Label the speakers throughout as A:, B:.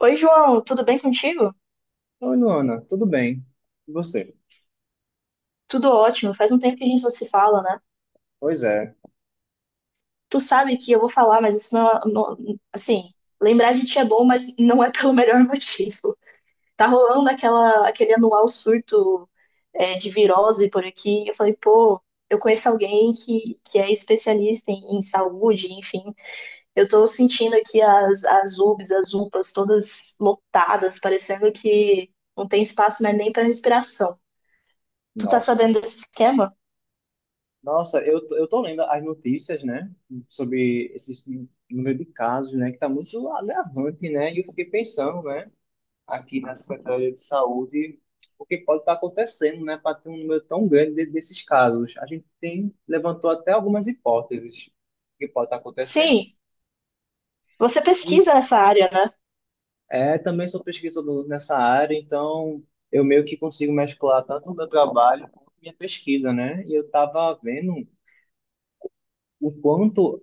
A: Oi, João, tudo bem contigo?
B: Oi, Luana, tudo bem? E você?
A: Tudo ótimo. Faz um tempo que a gente não se fala, né?
B: Pois é,
A: Tu sabe que eu vou falar, mas isso assim, lembrar de ti é bom, mas não é pelo melhor motivo. Tá rolando aquele anual surto, de virose por aqui. Eu falei, pô, eu conheço alguém que é especialista em saúde, enfim. Eu tô sentindo aqui as UBS, as UPAs todas lotadas, parecendo que não tem espaço mais nem pra respiração. Tu tá
B: nossa.
A: sabendo desse esquema?
B: Nossa, eu tô lendo as notícias, né, sobre esse número de casos, né, que tá muito agravante, né, e eu fiquei pensando, né, aqui na Secretaria de Saúde, o que pode estar acontecendo, né, para ter um número tão grande desses casos. A gente levantou até algumas hipóteses que pode estar acontecendo.
A: Sim. Você
B: E
A: pesquisa nessa área, né?
B: É, também sou pesquisador nessa área, então eu meio que consigo mesclar tanto o meu trabalho quanto minha pesquisa, né? E eu estava vendo o quanto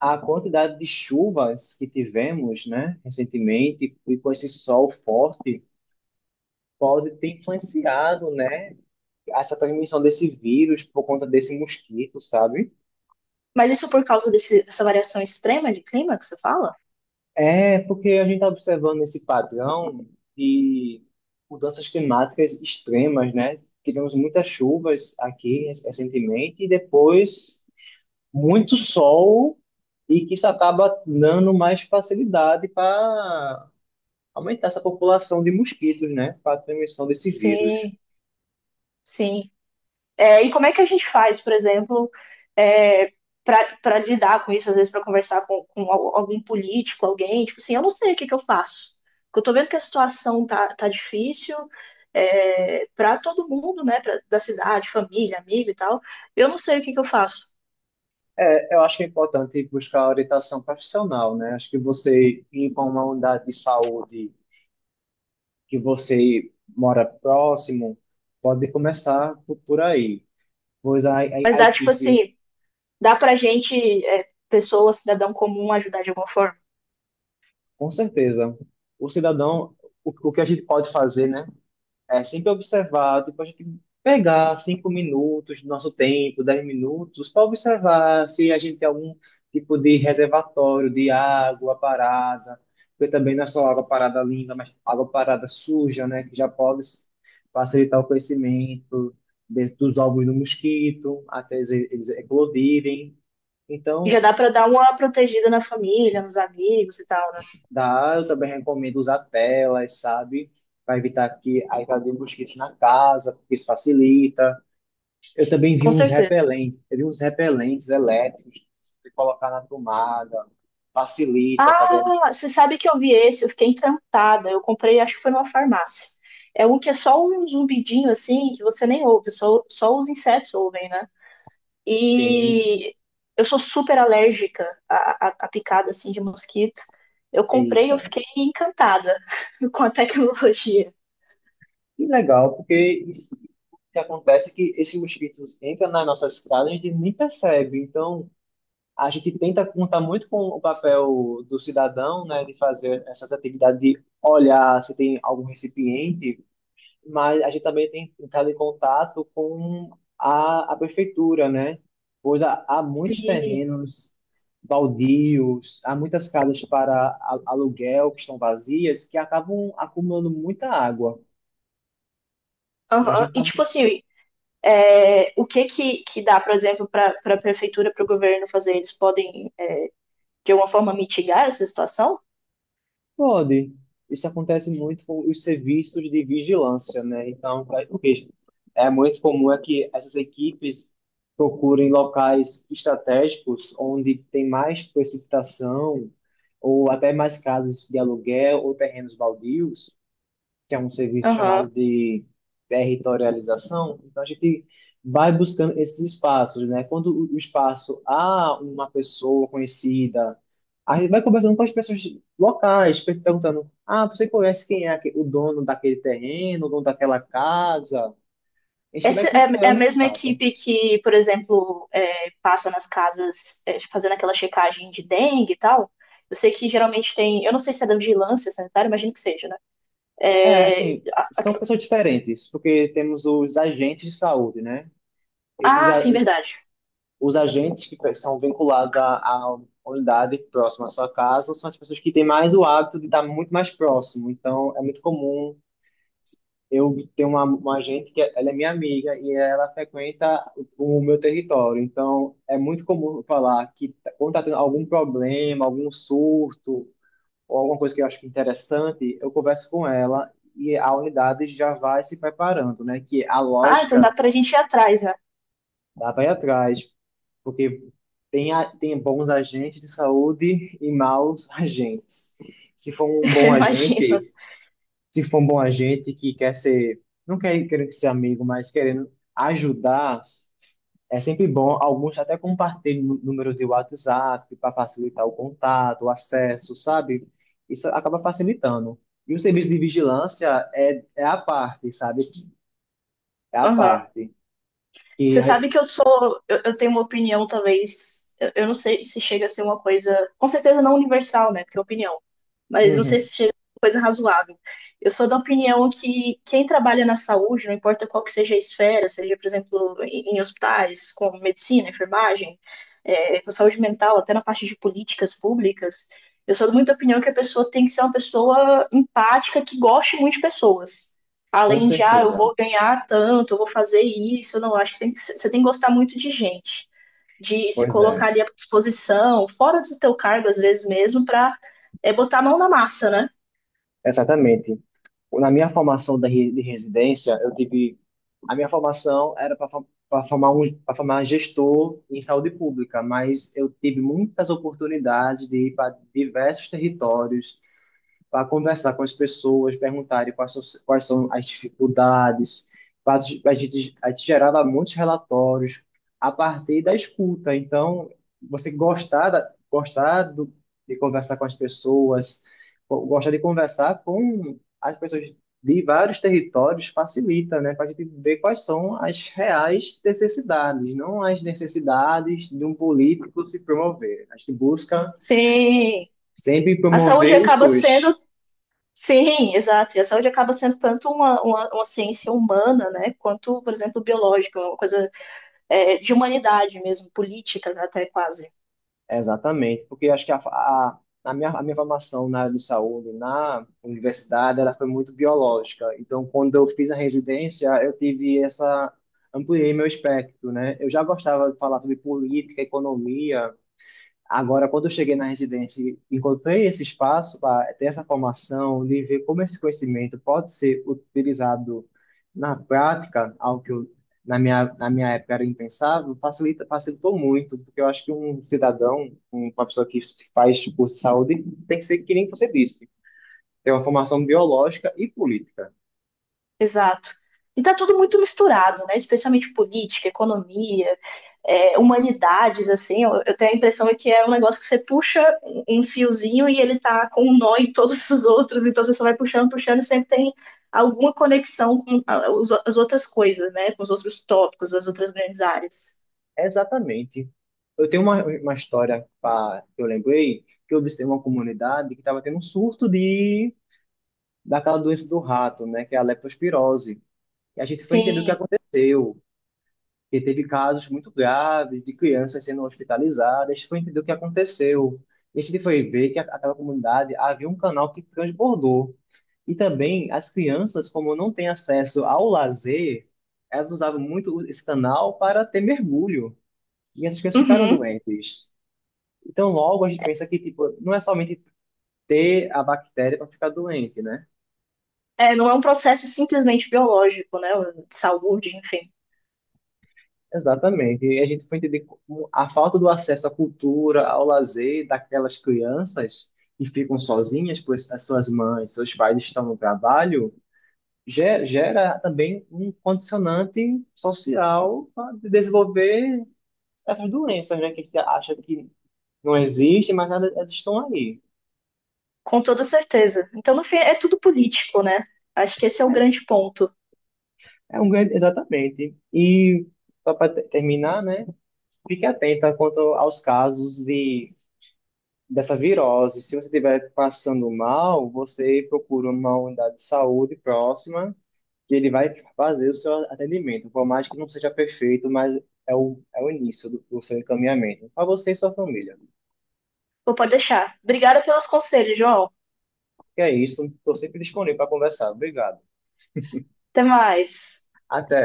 B: a quantidade de chuvas que tivemos, né, recentemente, e com esse sol forte, pode ter influenciado, né, essa transmissão desse vírus por conta desse mosquito, sabe?
A: Mas isso por causa dessa variação extrema de clima que você fala?
B: É, porque a gente está observando esse padrão de mudanças climáticas extremas, né? Tivemos muitas chuvas aqui recentemente e depois muito sol, e que isso acaba dando mais facilidade para aumentar essa população de mosquitos, né? Para a transmissão desse vírus.
A: Sim, sim. É, e como é que a gente faz, por exemplo, é, para lidar com isso, às vezes para conversar com algum político, alguém, tipo assim, eu não sei o que que eu faço. Porque eu tô vendo que a situação tá difícil para todo mundo, né? Pra, da cidade, família, amigo e tal. Eu não sei o que que eu faço.
B: É, eu acho que é importante buscar orientação profissional, né? Acho que você ir para uma unidade de saúde que você mora próximo, pode começar por aí. Pois a, a,
A: Mas
B: a
A: dá, tipo
B: equipe.
A: assim, dá pra gente, pessoa, cidadão comum, ajudar de alguma forma.
B: Com certeza. O cidadão, o que a gente pode fazer, né? É sempre observar, tipo, a gente pegar 5 minutos do nosso tempo, 10 minutos, para observar se a gente tem algum tipo de reservatório de água parada, porque também não é só água parada limpa, mas água parada suja, né, que já pode facilitar o crescimento dos ovos do mosquito, até eles eclodirem.
A: E já
B: Então,
A: dá pra dar uma protegida na família, nos amigos e tal, né?
B: eu também recomendo usar telas, sabe? Para evitar que a entrada de mosquitos na casa, porque isso facilita. Eu também vi
A: Com
B: uns
A: certeza.
B: repelentes, eu vi uns repelentes elétricos de colocar na tomada, facilita, sabe?
A: Ah, você sabe que eu vi esse, eu fiquei encantada. Eu comprei, acho que foi numa farmácia. É um que é só um zumbidinho assim, que você nem ouve, só os insetos ouvem, né?
B: Sim,
A: E eu sou super alérgica à picada assim de mosquito. Eu comprei, eu
B: eita.
A: fiquei encantada com a tecnologia.
B: E legal, porque isso que acontece é que esses mosquitos entram nas nossas casas e a gente nem percebe. Então, a gente tenta contar muito com o papel do cidadão, né, de fazer essas atividades de olhar se tem algum recipiente, mas a gente também tem entrado em contato com a prefeitura, né? Pois há muitos
A: E,
B: terrenos baldios, há muitas casas para aluguel que estão vazias, que acabam acumulando muita água. E a gente
A: aham, e
B: está.
A: tipo assim, é, o que, que dá, por exemplo, para a prefeitura, para o governo fazer? Eles podem, é, de alguma forma, mitigar essa situação?
B: Pode. Isso acontece muito com os serviços de vigilância, né? Então, faz com que é muito comum que essas equipes procurem locais estratégicos onde tem mais precipitação ou até mais casas de aluguel ou terrenos baldios, que é um serviço chamado
A: Aham.
B: de territorialização. Então, a gente vai buscando esses espaços, né? Quando o espaço há uma pessoa conhecida, a gente vai conversando com as pessoas locais, perguntando: ah, você conhece quem é o dono daquele terreno, o dono daquela casa? A gente vai
A: Essa é, é a
B: procurando
A: mesma
B: contato.
A: equipe que, por exemplo, é, passa nas casas é, fazendo aquela checagem de dengue e tal. Eu sei que geralmente tem. Eu não sei se é da vigilância sanitária, imagino que seja, né?
B: É,
A: É,
B: assim,
A: a-
B: são
A: a-
B: pessoas diferentes, porque temos os agentes de saúde, né? Esses,
A: ah,
B: já.
A: sim, verdade.
B: Os agentes que são vinculados à unidade próxima à sua casa são as pessoas que têm mais o hábito de estar muito mais próximo. Então, é muito comum eu ter uma agente que é, ela é minha amiga e ela frequenta o meu território. Então, é muito comum eu falar quando está tendo algum problema, algum surto ou alguma coisa que eu acho interessante, eu converso com ela e a unidade já vai se preparando, né? Que a
A: Ah, então
B: lógica.
A: dá pra gente ir atrás, né?
B: Dá para ir atrás, porque tem bons agentes de saúde e maus agentes. Se for um bom
A: Eu imagino.
B: agente, se for um bom agente que quer ser, não quer querendo ser amigo, mas querendo ajudar, é sempre bom. Alguns até compartilham número de WhatsApp para facilitar o contato, o acesso, sabe? Isso acaba facilitando. E o serviço de vigilância é, é a parte, sabe? É a
A: Aham.
B: parte. Que
A: Você
B: aí.
A: sabe que eu sou, eu tenho uma opinião, talvez, eu não sei se chega a ser uma coisa, com certeza não universal, né? Porque é opinião, mas não sei
B: Uhum,
A: se chega a ser uma coisa razoável. Eu sou da opinião que quem trabalha na saúde, não importa qual que seja a esfera, seja, por exemplo, em hospitais, com medicina, enfermagem, com saúde mental, até na parte de políticas públicas, eu sou muito da opinião que a pessoa tem que ser uma pessoa empática, que goste muito de pessoas.
B: com
A: Além de, ah, eu
B: certeza.
A: vou ganhar tanto, eu vou fazer isso, não, acho que, você tem que gostar muito de gente, de se
B: Pois
A: colocar
B: é.
A: ali à disposição, fora do teu cargo, às vezes mesmo, para botar a mão na massa, né?
B: Exatamente. Na minha formação da de residência, eu tive. A minha formação era para formar para formar gestor em saúde pública, mas eu tive muitas oportunidades de ir para diversos territórios, para conversar com as pessoas, perguntarem quais são as dificuldades, para a gente gerava muitos relatórios a partir da escuta. Então, você gostar de conversar com as pessoas, gostar de conversar com as pessoas de vários territórios facilita, né, para a gente ver quais são as reais necessidades, não as necessidades de um político se promover. A gente busca
A: Sim.
B: sempre
A: A saúde
B: promover o
A: acaba sendo,
B: SUS.
A: sim, exato, e a saúde acaba sendo tanto uma ciência humana, né, quanto, por exemplo, biológica, uma coisa de humanidade mesmo, política né, até quase.
B: Exatamente, porque acho que a minha formação na área de saúde, na universidade, ela foi muito biológica. Então, quando eu fiz a residência, eu tive essa, ampliei meu espectro, né? Eu já gostava de falar sobre política, economia. Agora, quando eu cheguei na residência e encontrei esse espaço para ter essa formação, de ver como esse conhecimento pode ser utilizado na prática, algo que eu, na minha época era impensável, facilita, facilitou muito, porque eu acho que um cidadão, uma pessoa que se faz curso de saúde, tem que ser que nem você disse, ter uma formação biológica e política.
A: Exato. E tá tudo muito misturado, né? Especialmente política, economia, humanidades, assim. Eu tenho a impressão que é um negócio que você puxa um um fiozinho e ele tá com um nó em todos os outros, então você só vai puxando, puxando e sempre tem alguma conexão com as outras coisas, né? Com os outros tópicos, as outras grandes áreas.
B: Exatamente. Eu tenho uma história pra, que eu lembrei, que eu visitei uma comunidade que estava tendo um surto de daquela doença do rato, né, que é a leptospirose. E a gente foi entender o que
A: Sim.
B: aconteceu, que teve casos muito graves de crianças sendo hospitalizadas, a gente foi entender o que aconteceu. E a gente foi ver que aquela comunidade havia um canal que transbordou. E também as crianças, como não têm acesso ao lazer, elas usavam muito esse canal para ter mergulho. E essas crianças ficaram
A: Uhum.
B: doentes. Então, logo a gente pensa que tipo, não é somente ter a bactéria para ficar doente, né?
A: É, não é um processo simplesmente biológico, né? De saúde, enfim.
B: Exatamente. E a gente foi entender como a falta do acesso à cultura, ao lazer daquelas crianças que ficam sozinhas, pois as suas mães, seus pais estão no trabalho, gera também um condicionante social para desenvolver essas doenças, né, que a gente acha que não existem, mas elas estão aí.
A: Com toda certeza. Então, no fim, é tudo político, né? Acho que esse é o grande ponto.
B: É um grande, exatamente. E só para terminar, né, fique atenta quanto aos casos de dessa virose. Se você estiver passando mal, você procura uma unidade de saúde próxima, que ele vai fazer o seu atendimento. Por mais que não seja perfeito, mas é o início do seu encaminhamento. Para você e sua família.
A: Pô, pode deixar. Obrigada pelos conselhos, João.
B: Que é isso. Estou sempre disponível para conversar. Obrigado.
A: Até mais.
B: Até.